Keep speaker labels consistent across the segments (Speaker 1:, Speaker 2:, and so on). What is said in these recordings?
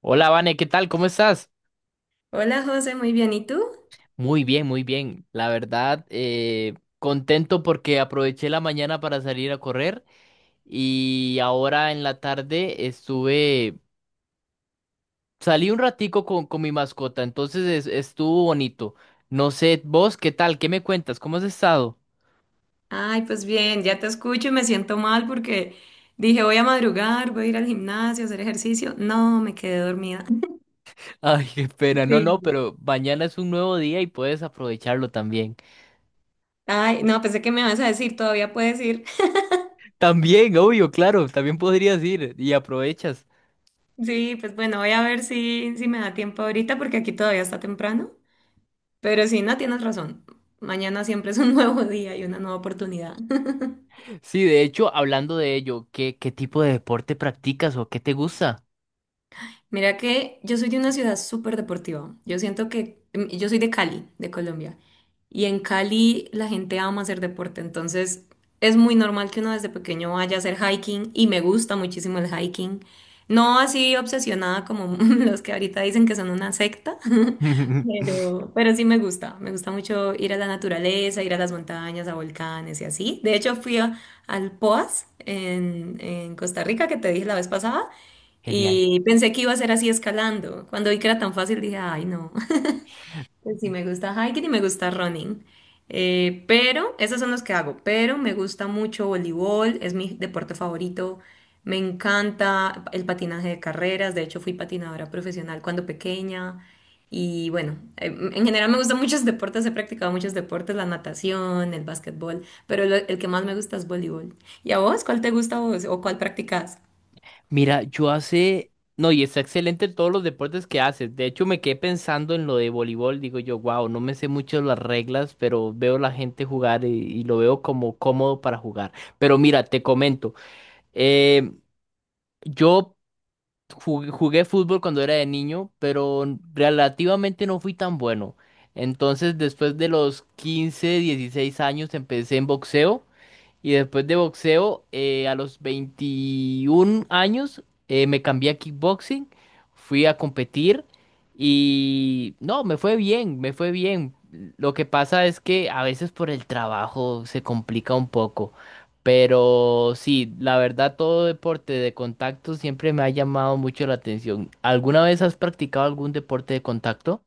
Speaker 1: Hola, Vane, ¿qué tal? ¿Cómo estás?
Speaker 2: Hola José, muy bien. ¿Y tú?
Speaker 1: Muy bien, muy bien. La verdad, contento porque aproveché la mañana para salir a correr y ahora en la tarde salí un ratico con mi mascota, entonces estuvo bonito. No sé, vos, ¿qué tal? ¿Qué me cuentas? ¿Cómo has estado?
Speaker 2: Ay, pues bien, ya te escucho y me siento mal porque dije voy a madrugar, voy a ir al gimnasio, a hacer ejercicio. No, me quedé dormida.
Speaker 1: Ay, qué pena, no, no,
Speaker 2: Sí.
Speaker 1: pero mañana es un nuevo día y puedes aprovecharlo también.
Speaker 2: Ay, no, pensé que me vas a decir, todavía puedes ir.
Speaker 1: También, obvio, claro, también podrías ir y aprovechas.
Speaker 2: Sí, pues bueno, voy a ver si me da tiempo ahorita porque aquí todavía está temprano. Pero sí, no, tienes razón. Mañana siempre es un nuevo día y una nueva oportunidad.
Speaker 1: Sí, de hecho, hablando de ello, ¿qué tipo de deporte practicas o qué te gusta?
Speaker 2: Mira que yo soy de una ciudad súper deportiva. Yo siento que yo soy de Cali, de Colombia. Y en Cali la gente ama hacer deporte, entonces es muy normal que uno desde pequeño vaya a hacer hiking y me gusta muchísimo el hiking. No así obsesionada como los que ahorita dicen que son una secta, pero sí me gusta. Me gusta mucho ir a la naturaleza, ir a las montañas, a volcanes y así. De hecho al Poas en Costa Rica que te dije la vez pasada.
Speaker 1: Genial.
Speaker 2: Y pensé que iba a ser así escalando. Cuando vi que era tan fácil dije, ay, no, pues sí me gusta hiking y me gusta running. Pero esos son los que hago. Pero me gusta mucho voleibol, es mi deporte favorito. Me encanta el patinaje de carreras. De hecho, fui patinadora profesional cuando pequeña. Y bueno, en general me gustan muchos deportes, he practicado muchos deportes, la natación, el básquetbol, el que más me gusta es voleibol. ¿Y a vos? ¿Cuál te gusta a vos o cuál practicas?
Speaker 1: Mira, yo hace... No, y está excelente en todos los deportes que haces. De hecho, me quedé pensando en lo de voleibol. Digo yo, wow, no me sé mucho las reglas, pero veo la gente jugar y lo veo como cómodo para jugar. Pero mira, te comento. eh, yo Jugué fútbol cuando era de niño, pero relativamente no fui tan bueno. Entonces, después de los 15, 16 años, empecé en boxeo. Y después de boxeo, a los 21 años, me cambié a kickboxing, fui a competir y no, me fue bien, me fue bien. Lo que pasa es que a veces por el trabajo se complica un poco, pero sí, la verdad todo deporte de contacto siempre me ha llamado mucho la atención. ¿Alguna vez has practicado algún deporte de contacto?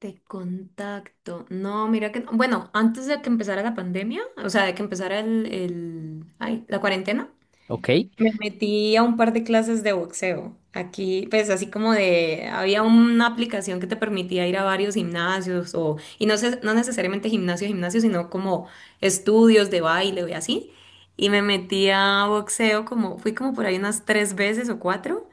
Speaker 2: De contacto. No, mira que no. Bueno, antes de que empezara la pandemia, o sea, de que empezara la cuarentena,
Speaker 1: ¿Ok?
Speaker 2: me metí a un par de clases de boxeo. Aquí, pues así como de, había una aplicación que te permitía ir a varios gimnasios o, y no, sé, no necesariamente gimnasio, gimnasio, sino como estudios de baile y así. Y me metí a boxeo como, fui como por ahí unas tres veces o cuatro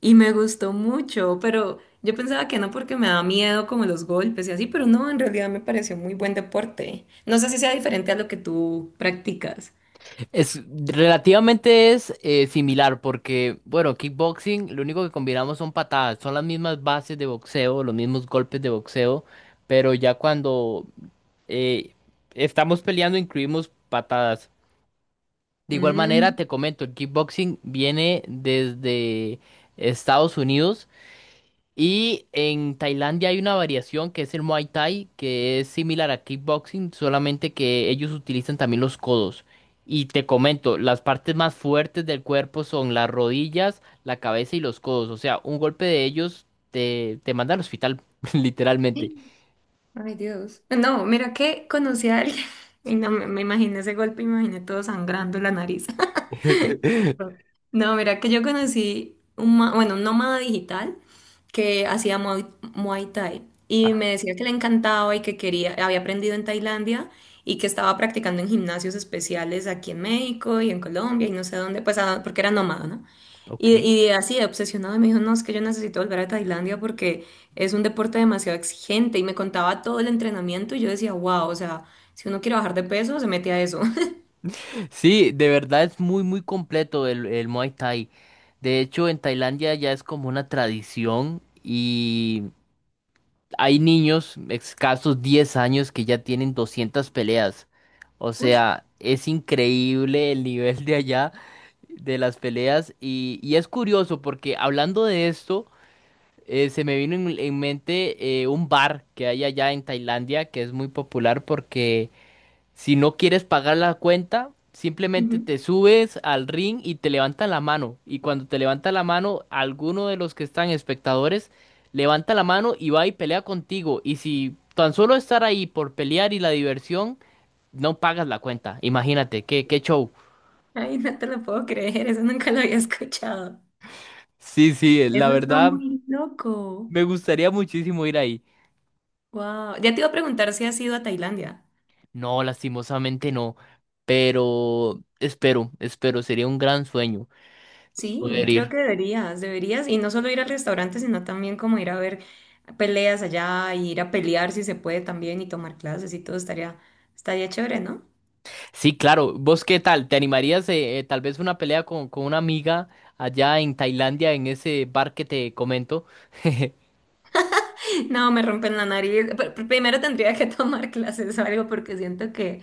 Speaker 2: y me gustó mucho, pero yo pensaba que no porque me da miedo como los golpes y así, pero no, en realidad me pareció muy buen deporte. No sé si sea diferente a lo que tú practicas.
Speaker 1: Es relativamente es similar porque, bueno, kickboxing, lo único que combinamos son patadas, son las mismas bases de boxeo, los mismos golpes de boxeo, pero ya cuando eh, estamos peleando incluimos patadas. De igual manera,
Speaker 2: Mm.
Speaker 1: te comento, el kickboxing viene desde Estados Unidos y en Tailandia hay una variación que es el Muay Thai, que es similar a kickboxing, solamente que ellos utilizan también los codos. Y te comento, las partes más fuertes del cuerpo son las rodillas, la cabeza y los codos. O sea, un golpe de ellos te manda al hospital, literalmente.
Speaker 2: Ay, Dios. No, mira que conocí a alguien y no me imaginé ese golpe, me imaginé todo sangrando la nariz. No, mira que yo conocí bueno, un nómada digital que hacía Muay Thai y
Speaker 1: Ah,
Speaker 2: me decía que le encantaba y que quería, había aprendido en Tailandia y que estaba practicando en gimnasios especiales aquí en México y en Colombia y no sé dónde, pues ah, porque era nómada, ¿no?
Speaker 1: ok.
Speaker 2: Y así, de obsesionado, me dijo, no, es que yo necesito volver a Tailandia porque es un deporte demasiado exigente. Y me contaba todo el entrenamiento y yo decía, wow, o sea, si uno quiere bajar de peso, se mete a eso.
Speaker 1: Sí, de verdad es muy, muy completo el Muay Thai. De hecho, en Tailandia ya es como una tradición y hay niños, escasos 10 años, que ya tienen 200 peleas. O
Speaker 2: Uy.
Speaker 1: sea, es increíble el nivel de allá de las peleas. Y es curioso porque hablando de esto, se me vino en mente un bar que hay allá en Tailandia que es muy popular porque si no quieres pagar la cuenta, simplemente
Speaker 2: Ujú.
Speaker 1: te subes al ring y te levantan la mano. Y cuando te levanta la mano, alguno de los que están espectadores levanta la mano y va y pelea contigo. Y si tan solo estar ahí por pelear y la diversión, no pagas la cuenta. Imagínate, qué show.
Speaker 2: Ay, no te lo puedo creer, eso nunca lo había escuchado.
Speaker 1: Sí, sí, la
Speaker 2: Eso está
Speaker 1: verdad,
Speaker 2: muy loco.
Speaker 1: me gustaría muchísimo ir ahí.
Speaker 2: Wow. Ya te iba a preguntar si has ido a Tailandia.
Speaker 1: No, lastimosamente no. Pero espero, espero, sería un gran sueño
Speaker 2: Sí,
Speaker 1: poder
Speaker 2: creo que
Speaker 1: ir.
Speaker 2: deberías, deberías. Y no solo ir al restaurante, sino también como ir a ver peleas allá, y ir a pelear si se puede también y tomar clases y todo estaría, estaría chévere, ¿no?
Speaker 1: Sí, claro. ¿Vos qué tal? ¿Te animarías tal vez una pelea con una amiga allá en Tailandia, en ese bar que te comento?
Speaker 2: No, me rompen la nariz. Primero tendría que tomar clases o algo porque siento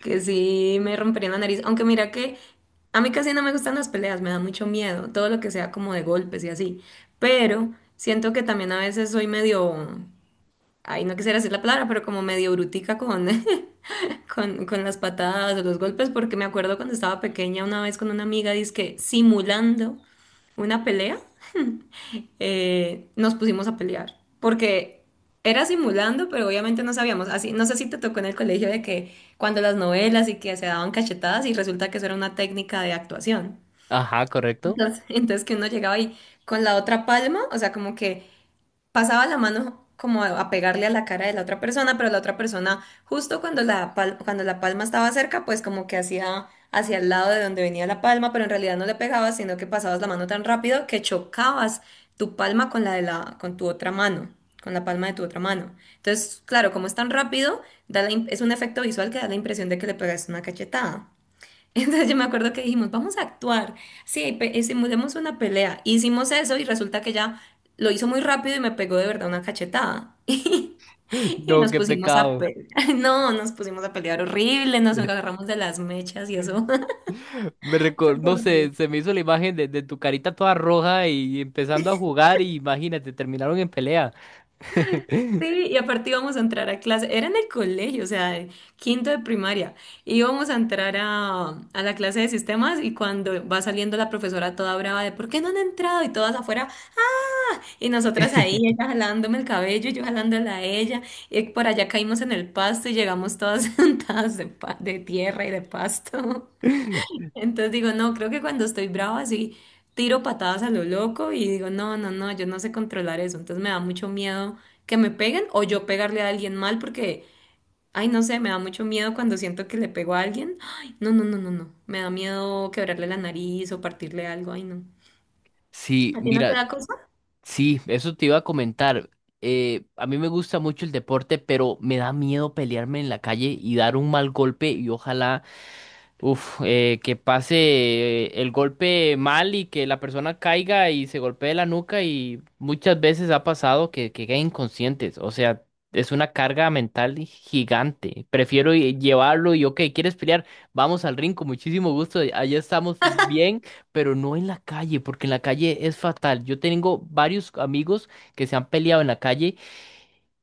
Speaker 2: que sí me rompería la nariz. Aunque mira que a mí casi no me gustan las peleas, me da mucho miedo, todo lo que sea como de golpes y así. Pero siento que también a veces soy medio, ay, no quisiera decir la palabra, pero como medio brutica con las patadas o los golpes, porque me acuerdo cuando estaba pequeña una vez con una amiga, dizque simulando una pelea nos pusimos a pelear. Porque era simulando, pero obviamente no sabíamos. Así, no sé si te tocó en el colegio de que cuando las novelas y que se daban cachetadas y resulta que eso era una técnica de actuación.
Speaker 1: Ajá, correcto.
Speaker 2: Entonces, entonces que uno llegaba ahí con la otra palma, o sea, como que pasaba la mano como a pegarle a la cara de la otra persona, pero la otra persona, justo cuando cuando la palma estaba cerca, pues como que hacía hacia el lado de donde venía la palma, pero en realidad no le pegabas, sino que pasabas la mano tan rápido que chocabas tu palma con tu otra mano, con la palma de tu otra mano. Entonces, claro, como es tan rápido, da es un efecto visual que da la impresión de que le pegaste una cachetada. Entonces yo me acuerdo que dijimos, vamos a actuar. Sí, hicimos demos una pelea. Hicimos eso y resulta que ya lo hizo muy rápido y me pegó de verdad una cachetada. Y
Speaker 1: No,
Speaker 2: nos
Speaker 1: qué
Speaker 2: pusimos a
Speaker 1: pecado.
Speaker 2: pelear. No, nos pusimos a pelear horrible, nos agarramos de las mechas y eso. Eso fue
Speaker 1: No sé,
Speaker 2: horrible.
Speaker 1: se me hizo la imagen de tu carita toda roja y empezando a jugar y imagínate, terminaron en pelea.
Speaker 2: Sí, y aparte íbamos a entrar a clase, era en el colegio, o sea, en quinto de primaria, íbamos a entrar a la clase de sistemas y cuando va saliendo la profesora toda brava de ¿por qué no han entrado? Y todas afuera, ¡ah! Y nosotras ahí, ella jalándome el cabello y yo jalándola a ella, y por allá caímos en el pasto y llegamos todas sentadas de tierra y de pasto. Entonces digo, no, creo que cuando estoy brava sí tiro patadas a lo loco y digo, no, no, no, yo no sé controlar eso. Entonces me da mucho miedo que me peguen o yo pegarle a alguien mal porque, ay, no sé, me da mucho miedo cuando siento que le pego a alguien. Ay, no, no, no, no, no. Me da miedo quebrarle la nariz o partirle algo. Ay, no.
Speaker 1: Sí,
Speaker 2: ¿A ti no te
Speaker 1: mira,
Speaker 2: da cosa?
Speaker 1: sí, eso te iba a comentar. A mí me gusta mucho el deporte, pero me da miedo pelearme en la calle y dar un mal golpe y ojalá... Uf, que pase el golpe mal y que la persona caiga y se golpee la nuca y muchas veces ha pasado que queden inconscientes. O sea, es una carga mental gigante. Prefiero llevarlo y, ok, ¿quieres pelear? Vamos al ring con muchísimo gusto. Allá estamos bien, pero no en la calle, porque en la calle es fatal. Yo tengo varios amigos que se han peleado en la calle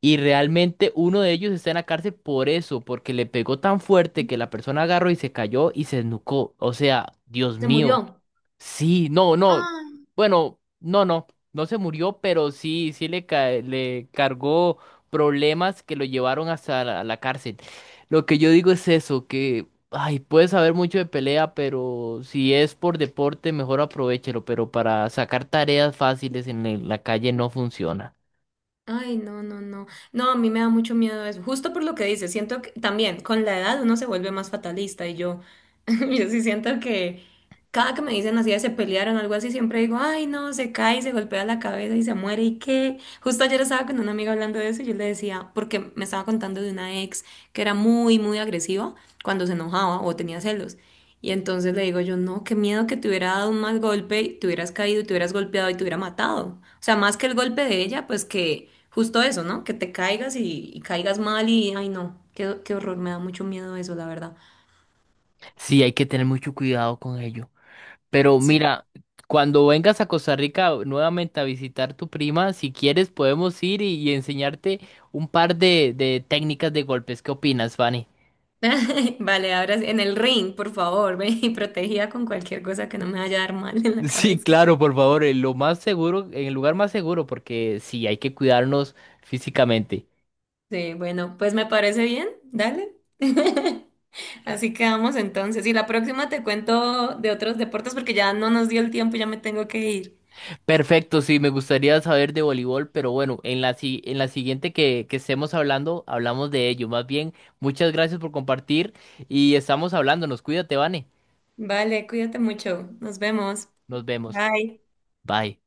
Speaker 1: y realmente uno de ellos está en la cárcel por eso, porque le pegó tan fuerte que la persona agarró y se cayó y se desnucó. O sea, Dios
Speaker 2: Se
Speaker 1: mío.
Speaker 2: murió.
Speaker 1: Sí, no, no.
Speaker 2: Ay.
Speaker 1: Bueno, no, no. No se murió, pero sí, sí le cargó problemas que lo llevaron hasta la cárcel. Lo que yo digo es eso, que, ay, puedes saber mucho de pelea, pero si es por deporte, mejor aprovéchelo, pero para sacar tareas fáciles en la calle no funciona.
Speaker 2: Ay, no, no, no. No, a mí me da mucho miedo eso. Justo por lo que dices, siento que también con la edad uno se vuelve más fatalista y yo, yo sí siento que cada que me dicen así de se pelearon o algo así, siempre digo, ay, no, se cae, y se golpea la cabeza y se muere y qué. Justo ayer estaba con una amiga hablando de eso y yo le decía, porque me estaba contando de una ex que era muy, muy agresiva cuando se enojaba o tenía celos. Y entonces le digo yo, no, qué miedo que te hubiera dado un mal golpe, y te hubieras caído y te hubieras golpeado y te hubiera matado. O sea, más que el golpe de ella, pues que justo eso, ¿no? Que te caigas y caigas mal y, ay no, qué, qué horror, me da mucho miedo eso, la verdad.
Speaker 1: Sí, hay que tener mucho cuidado con ello. Pero
Speaker 2: Sí.
Speaker 1: mira, cuando vengas a Costa Rica nuevamente a visitar tu prima, si quieres podemos ir y enseñarte un par de técnicas de golpes. ¿Qué opinas, Fanny?
Speaker 2: Vale, ahora sí, en el ring, por favor, ven y protegida con cualquier cosa que no me vaya a dar mal en la
Speaker 1: Sí,
Speaker 2: cabeza.
Speaker 1: claro, por favor, en lo más seguro, en el lugar más seguro, porque sí, hay que cuidarnos físicamente.
Speaker 2: Sí, bueno, pues me parece bien, dale. Así quedamos entonces. Y la próxima te cuento de otros deportes porque ya no nos dio el tiempo, ya me tengo que ir.
Speaker 1: Perfecto, sí, me gustaría saber de voleibol, pero bueno, en la, si- en la siguiente que estemos hablando, hablamos de ello. Más bien, muchas gracias por compartir y estamos hablándonos. Cuídate, Vane.
Speaker 2: Vale, cuídate mucho. Nos vemos.
Speaker 1: Nos vemos.
Speaker 2: Bye.
Speaker 1: Bye.